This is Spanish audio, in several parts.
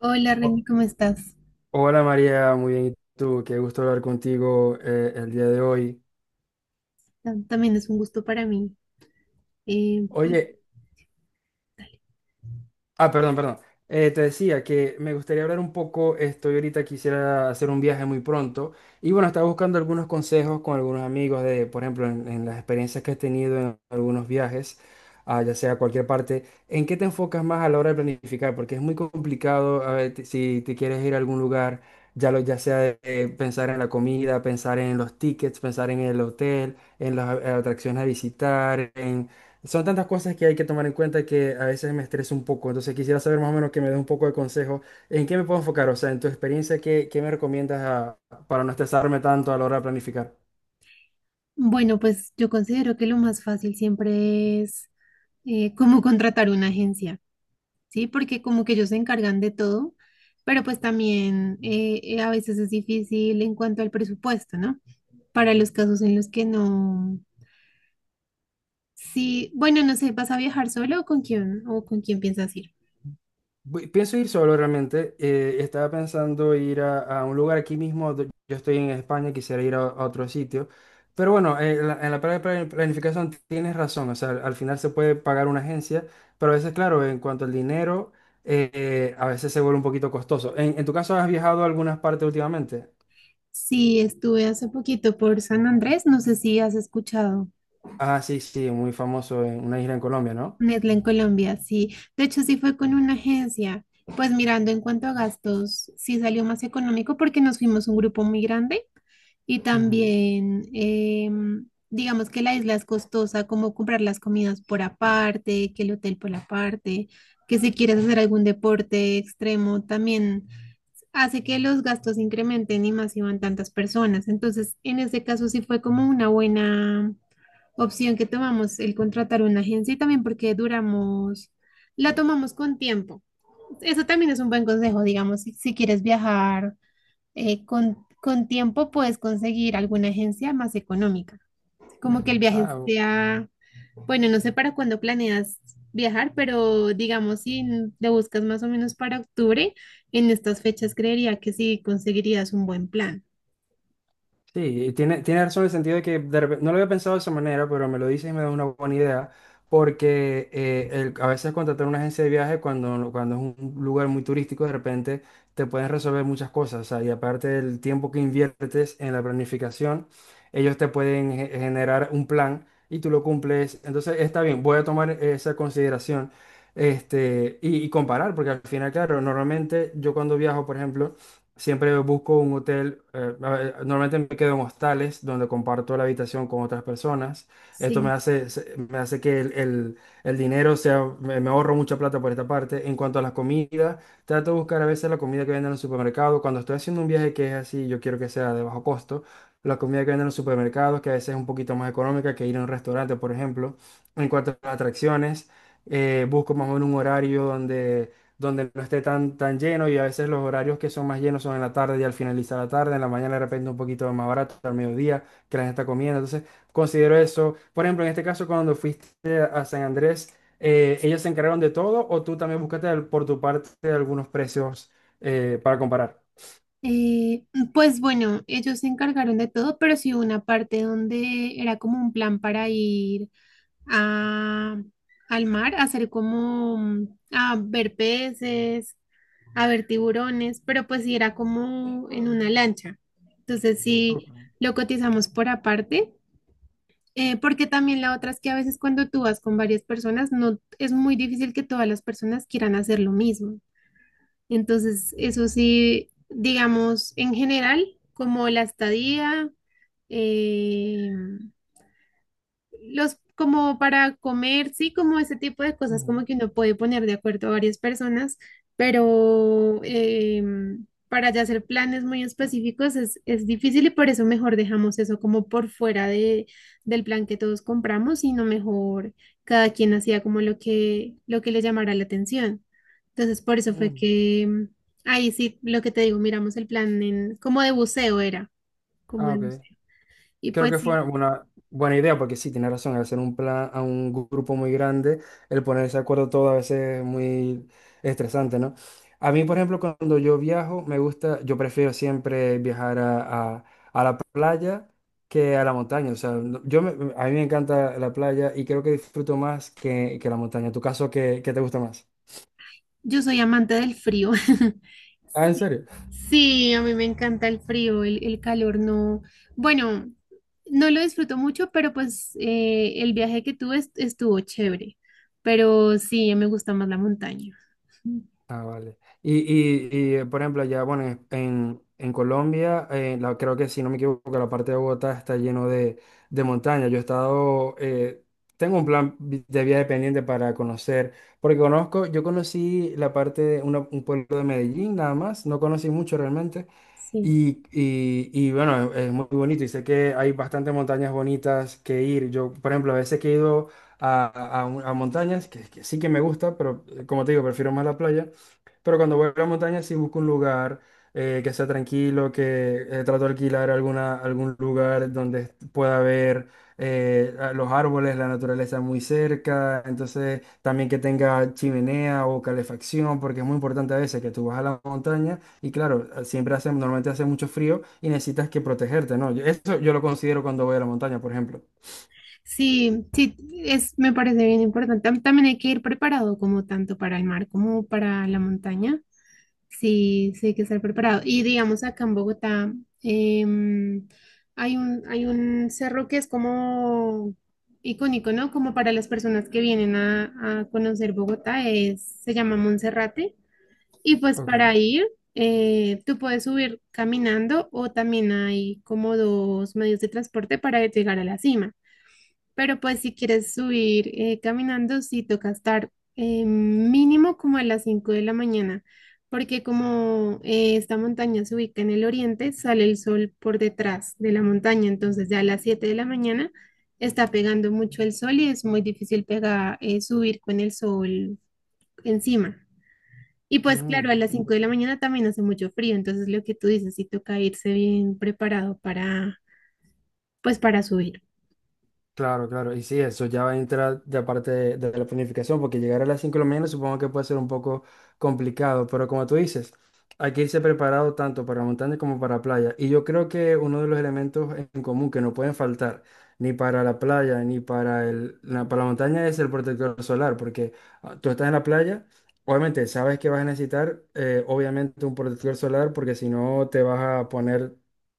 Hola Ho- Randy, ¿cómo estás? Hola María, muy bien. ¿Y tú? ¡Qué gusto hablar contigo el día de hoy! También es un gusto para mí. Eh, pues, Oye, Dale. Ah, perdón, perdón. Te decía que me gustaría hablar un poco, estoy ahorita quisiera hacer un viaje muy pronto. Y bueno, estaba buscando algunos consejos con algunos amigos de, por ejemplo, en las experiencias que he tenido en algunos viajes, ya sea a cualquier parte. ¿En qué te enfocas más a la hora de planificar? Porque es muy complicado. A ver, si te quieres ir a algún lugar, ya, lo, ya sea de- pensar en la comida, pensar en los tickets, pensar en el hotel, en las atracciones a visitar. Son tantas cosas que hay que tomar en cuenta que a veces me estreso un poco. Entonces quisiera saber más o menos que me des un poco de consejo. ¿En qué me puedo enfocar? O sea, en tu experiencia, ¿qué me recomiendas para no estresarme tanto a la hora de planificar? Bueno, pues yo considero que lo más fácil siempre es como contratar una agencia, ¿sí? Porque como que ellos se encargan de todo, pero pues también a veces es difícil en cuanto al presupuesto, ¿no? Para los casos en los que no... Sí, bueno, no sé, ¿vas a viajar solo o con quién piensas ir? Pienso ir solo realmente. Estaba pensando ir a un lugar aquí mismo. Yo estoy en España, quisiera ir a otro sitio. Pero bueno, en la parte de planificación tienes razón. O sea, al final se puede pagar una agencia, pero a veces, claro, en cuanto al dinero, a veces se vuelve un poquito costoso. En tu caso, ¿has viajado a algunas partes últimamente? Sí, estuve hace poquito por San Andrés, no sé si has escuchado. Ah, sí, sí, muy famoso, en una isla en Colombia, ¿no? Nestlé en Colombia, sí. De hecho, sí fue con una agencia. Pues mirando en cuanto a gastos, sí salió más económico porque nos fuimos un grupo muy grande y Ujú. también, digamos que la isla es costosa, como comprar las comidas por aparte, que el hotel por aparte, que si quieres hacer algún deporte extremo, también hace que los gastos incrementen y más si van tantas personas. Entonces, en ese caso sí fue como una buena opción que tomamos, el contratar una agencia y también porque duramos, la tomamos con tiempo. Eso también es un buen consejo, digamos, si quieres viajar con tiempo, puedes conseguir alguna agencia más económica. Como que el viaje sea, bueno, no sé para cuándo planeas viajar, pero digamos, si te buscas más o menos para octubre, en estas fechas creería que sí conseguirías un buen plan. Sí, tiene razón en el sentido de que no lo había pensado de esa manera, pero me lo dices y me da una buena idea, porque a veces contratar una agencia de viaje cuando, no, cuando es un lugar muy turístico, de repente te pueden resolver muchas cosas. O sea, y aparte del tiempo que inviertes en la planificación, ellos te pueden generar un plan y tú lo cumples. Entonces, está bien, voy a tomar esa consideración, este, y comparar, porque al final, claro, normalmente yo cuando viajo, por ejemplo. Siempre busco un hotel. A ver, normalmente me quedo en hostales donde comparto la habitación con otras personas. Esto me Sí. hace, se- me hace que el dinero sea, me ahorro mucha plata por esta parte. En cuanto a las comidas, trato de buscar a veces la comida que venden en el supermercado. Cuando estoy haciendo un viaje que es así, yo quiero que sea de bajo costo. La comida que venden en los supermercados, que a veces es un poquito más económica que ir a un restaurante, por ejemplo. En cuanto a las atracciones, busco más o menos un horario donde no esté tan, tan lleno, y a veces los horarios que son más llenos son en la tarde y al finalizar la tarde; en la mañana de repente un poquito más barato, al mediodía que la gente está comiendo. Entonces, considero eso. Por ejemplo, en este caso, cuando fuiste a San Andrés. ¿Ellos se encargaron de todo o tú también buscaste por tu parte algunos precios para comparar? Eh, pues bueno, ellos se encargaron de todo, pero sí hubo una parte donde era como un plan para ir a, al mar, a hacer como mm, a ver peces, a ver tiburones, pero pues sí era como en una lancha. Entonces sí Ujú. lo cotizamos por aparte, porque también la otra es que a veces cuando tú vas con varias personas, no es muy difícil que todas las personas quieran hacer lo mismo. Entonces, eso sí, digamos, en general, como la estadía, em, los como para comer, sí, como ese tipo de cosas, Ujú. como que uno puede poner de acuerdo a varias personas, pero para ya hacer planes muy específicos es difícil y por eso mejor dejamos eso como por fuera de, del plan que todos compramos, sino mejor cada quien hacía como lo que le llamara la atención. Entonces, por eso fue Mm. que ahí sí, lo que te digo, miramos el plan en, como de buceo era, como Ah, de ok. buceo. Y Creo pues que sí. fue una buena idea, porque sí, tiene razón, al hacer un plan a un grupo muy grande, el ponerse de acuerdo todo a veces es muy estresante, ¿no? A mí, por ejemplo, cuando yo viajo, me gusta, yo prefiero siempre viajar a la playa que a la montaña. O sea, a mí me encanta la playa y creo que disfruto más que la montaña. ¿En tu caso, qué te gusta más? Yo soy amante del frío. Ah, ¿en serio? Sí, a mí me encanta el frío, el calor no. Bueno, no lo disfruto mucho, pero pues el viaje que tuve estuvo chévere. Pero sí, me gusta más la montaña. Ah, vale. Por ejemplo, ya, bueno, en Colombia, creo que si no me equivoco, la parte de Bogotá está lleno de montañas. Yo he estado, tengo un plan de viaje pendiente para conocer, porque yo conocí la parte de un pueblo de Medellín nada más. No conocí mucho realmente. Sí. Y bueno, es muy bonito y sé que hay bastantes montañas bonitas que ir. Yo, por ejemplo, a veces que he ido a, a montañas, que sí que me gusta, pero como te digo, prefiero más la playa. Pero cuando voy a la montaña sí busco un lugar que sea tranquilo, que trato de alquilar algún lugar donde pueda ver los árboles, la naturaleza muy cerca. Entonces también que tenga chimenea o calefacción, porque es muy importante a veces que tú vas a la montaña y claro, siempre hace, normalmente hace mucho frío y necesitas que protegerte, ¿no? Eso yo lo considero cuando voy a la montaña, por ejemplo. Sí, sí, es, me parece bien importante. También hay que ir preparado como tanto para el mar como para la montaña. Sí, sí, hay que estar preparado. Y digamos, acá en Bogotá em, hay un cerro que es como icónico, ¿no? Como para las personas que vienen a conocer Bogotá, es, se llama Monserrate. Y pues Ok. para ir, tú puedes subir caminando o también hay como dos medios de transporte para llegar a la cima. Pero pues si quieres subir caminando, sí toca estar mínimo como a las 5 de la mañana, porque como esta montaña se ubica en el oriente, sale el sol por detrás de la montaña, entonces ya a las 7 de la mañana está pegando mucho el sol y es muy difícil pegar, subir con el sol encima. Y pues claro, Mm, a las 5 de la mañana también hace mucho frío, entonces lo que tú dices, sí toca irse bien preparado para, pues para subir. claro, claro. Y sí, eso ya va a entrar de parte de la planificación, porque llegar a las 5 de la mañana supongo que puede ser un poco complicado, pero como tú dices, hay que irse preparado tanto para montaña como para playa. Y yo creo que uno de los elementos en común que no pueden faltar ni para la playa ni para la montaña es el protector solar, porque tú estás en la playa, obviamente sabes que vas a necesitar, obviamente, un protector solar, porque si no te vas a poner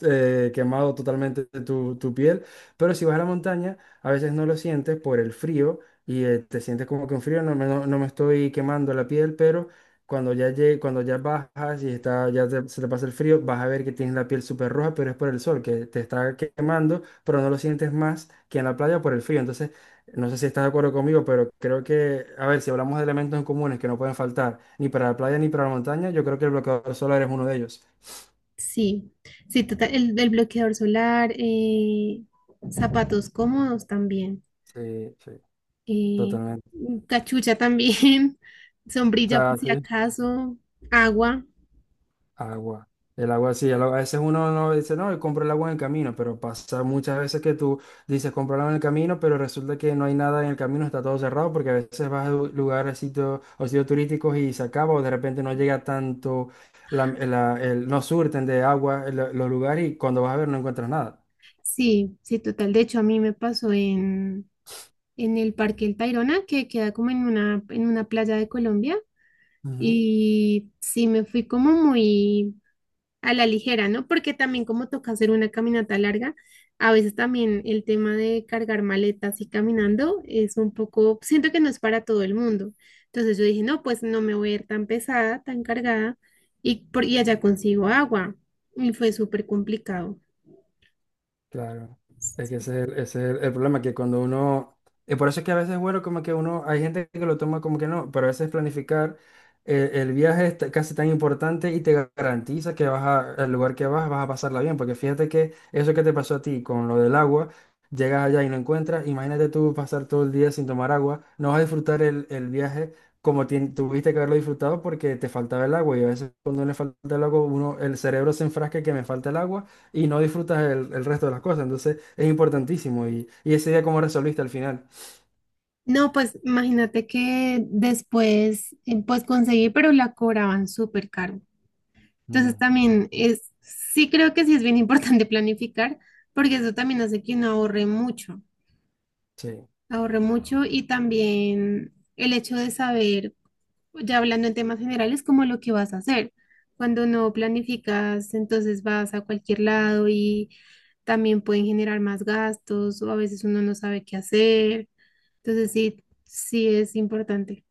quemado totalmente tu piel. Pero si vas a la montaña, a veces no lo sientes por el frío, y te sientes como que un frío, no me estoy quemando la piel, pero cuando ya bajas y está, ya se te pasa el frío, vas a ver que tienes la piel súper roja, pero es por el sol, que te está quemando, pero no lo sientes más que en la playa por el frío. Entonces, no sé si estás de acuerdo conmigo, pero creo que, a ver, si hablamos de elementos en comunes que no pueden faltar ni para la playa ni para la montaña, yo creo que el bloqueador solar es uno de ellos. Sí, sí, total, el bloqueador solar, zapatos cómodos también, Sí, sí, eh, totalmente. cachucha también, O sombrilla por sea, si sí. acaso, agua. Agua. El agua sí, a veces uno no dice, no, yo compro el agua en el camino, pero pasa muchas veces que tú dices, compro el agua en el camino, pero resulta que no hay nada en el camino, está todo cerrado, porque a veces vas a lugares, sitios o sitios turísticos, y se acaba, o de repente no llega tanto, no surten de agua los lugares, y cuando vas a ver no encuentras nada. Sí, sí, total. De hecho, a mí me pasó en el Parque El Tayrona, que queda como en una playa de Colombia, y sí, me fui como muy a la ligera, ¿no? Porque también como toca hacer una caminata larga, a veces también el tema de cargar maletas y caminando es un poco, siento que no es para todo el mundo. Entonces yo dije, no, pues no me voy a ir tan pesada, tan cargada, y, por, y allá consigo agua. Y fue súper complicado. Claro, es que ese es el problema, que cuando uno, y por eso es que a veces, bueno, como que uno, hay gente que lo toma como que no, pero a veces planificar el viaje es casi tan importante, y te garantiza que al lugar que vas a pasarla bien, porque fíjate que eso que te pasó a ti con lo del agua, llegas allá y no encuentras. Imagínate tú pasar todo el día sin tomar agua, no vas a disfrutar el viaje como tuviste que haberlo disfrutado porque te faltaba el agua, y a veces cuando no le falta el agua, uno, el cerebro se enfrasca que me falta el agua y no disfrutas el resto de las cosas. Entonces es importantísimo. Y, ¿y ese día cómo resolviste al final? No, pues imagínate que después, pues conseguí, pero la cobraban súper caro. Entonces Mm. también es, sí creo que sí es bien importante planificar, porque eso también hace que uno ahorre mucho. Sí. Ahorré mucho y también el hecho de saber, ya hablando en temas generales, como lo que vas a hacer. Cuando no planificas, entonces vas a cualquier lado y también pueden generar más gastos o a veces uno no sabe qué hacer. Entonces sí, sí es importante.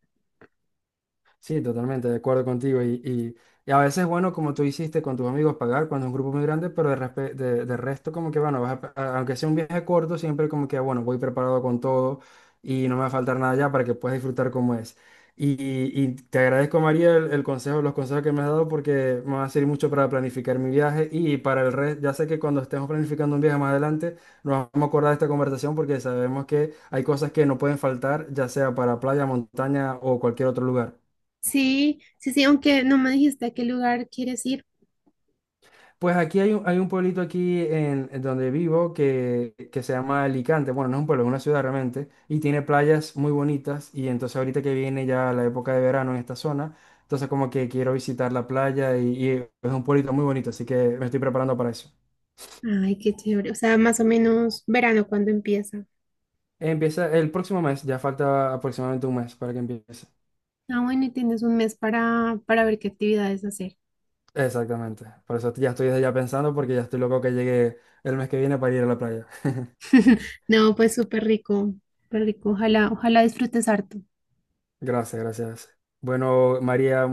Sí, totalmente, de acuerdo contigo. A veces, bueno, como tú hiciste con tus amigos, pagar cuando es un grupo muy grande, pero de resto, como que, bueno, aunque sea un viaje corto, siempre como que, bueno, voy preparado con todo y no me va a faltar nada ya para que puedas disfrutar como es. Y te agradezco, María, el consejo, los consejos que me has dado porque me va a servir mucho para planificar mi viaje y para el resto. Ya sé que cuando estemos planificando un viaje más adelante, nos vamos a acordar de esta conversación porque sabemos que hay cosas que no pueden faltar, ya sea para playa, montaña o cualquier otro lugar. Sí, sí, sí, aunque no me dijiste a qué lugar quieres ir. Pues aquí hay un, pueblito aquí en donde vivo, que se llama Alicante. Bueno, no es un pueblo, es una ciudad realmente. Y tiene playas muy bonitas. Y entonces ahorita que viene ya la época de verano en esta zona, entonces como que quiero visitar la playa, y es un pueblito muy bonito. Así que me estoy preparando para eso. Ay, qué chévere. O sea, más o menos verano cuando empieza. Empieza el próximo mes, ya falta aproximadamente un mes para que empiece. Ah, bueno, y tienes un mes para ver qué actividades hacer. Exactamente. Por eso ya estoy desde ya pensando, porque ya estoy loco que llegue el mes que viene para ir a la playa. No, pues súper rico, súper rico. Ojalá, ojalá disfrutes harto. Gracias, gracias. Bueno, María.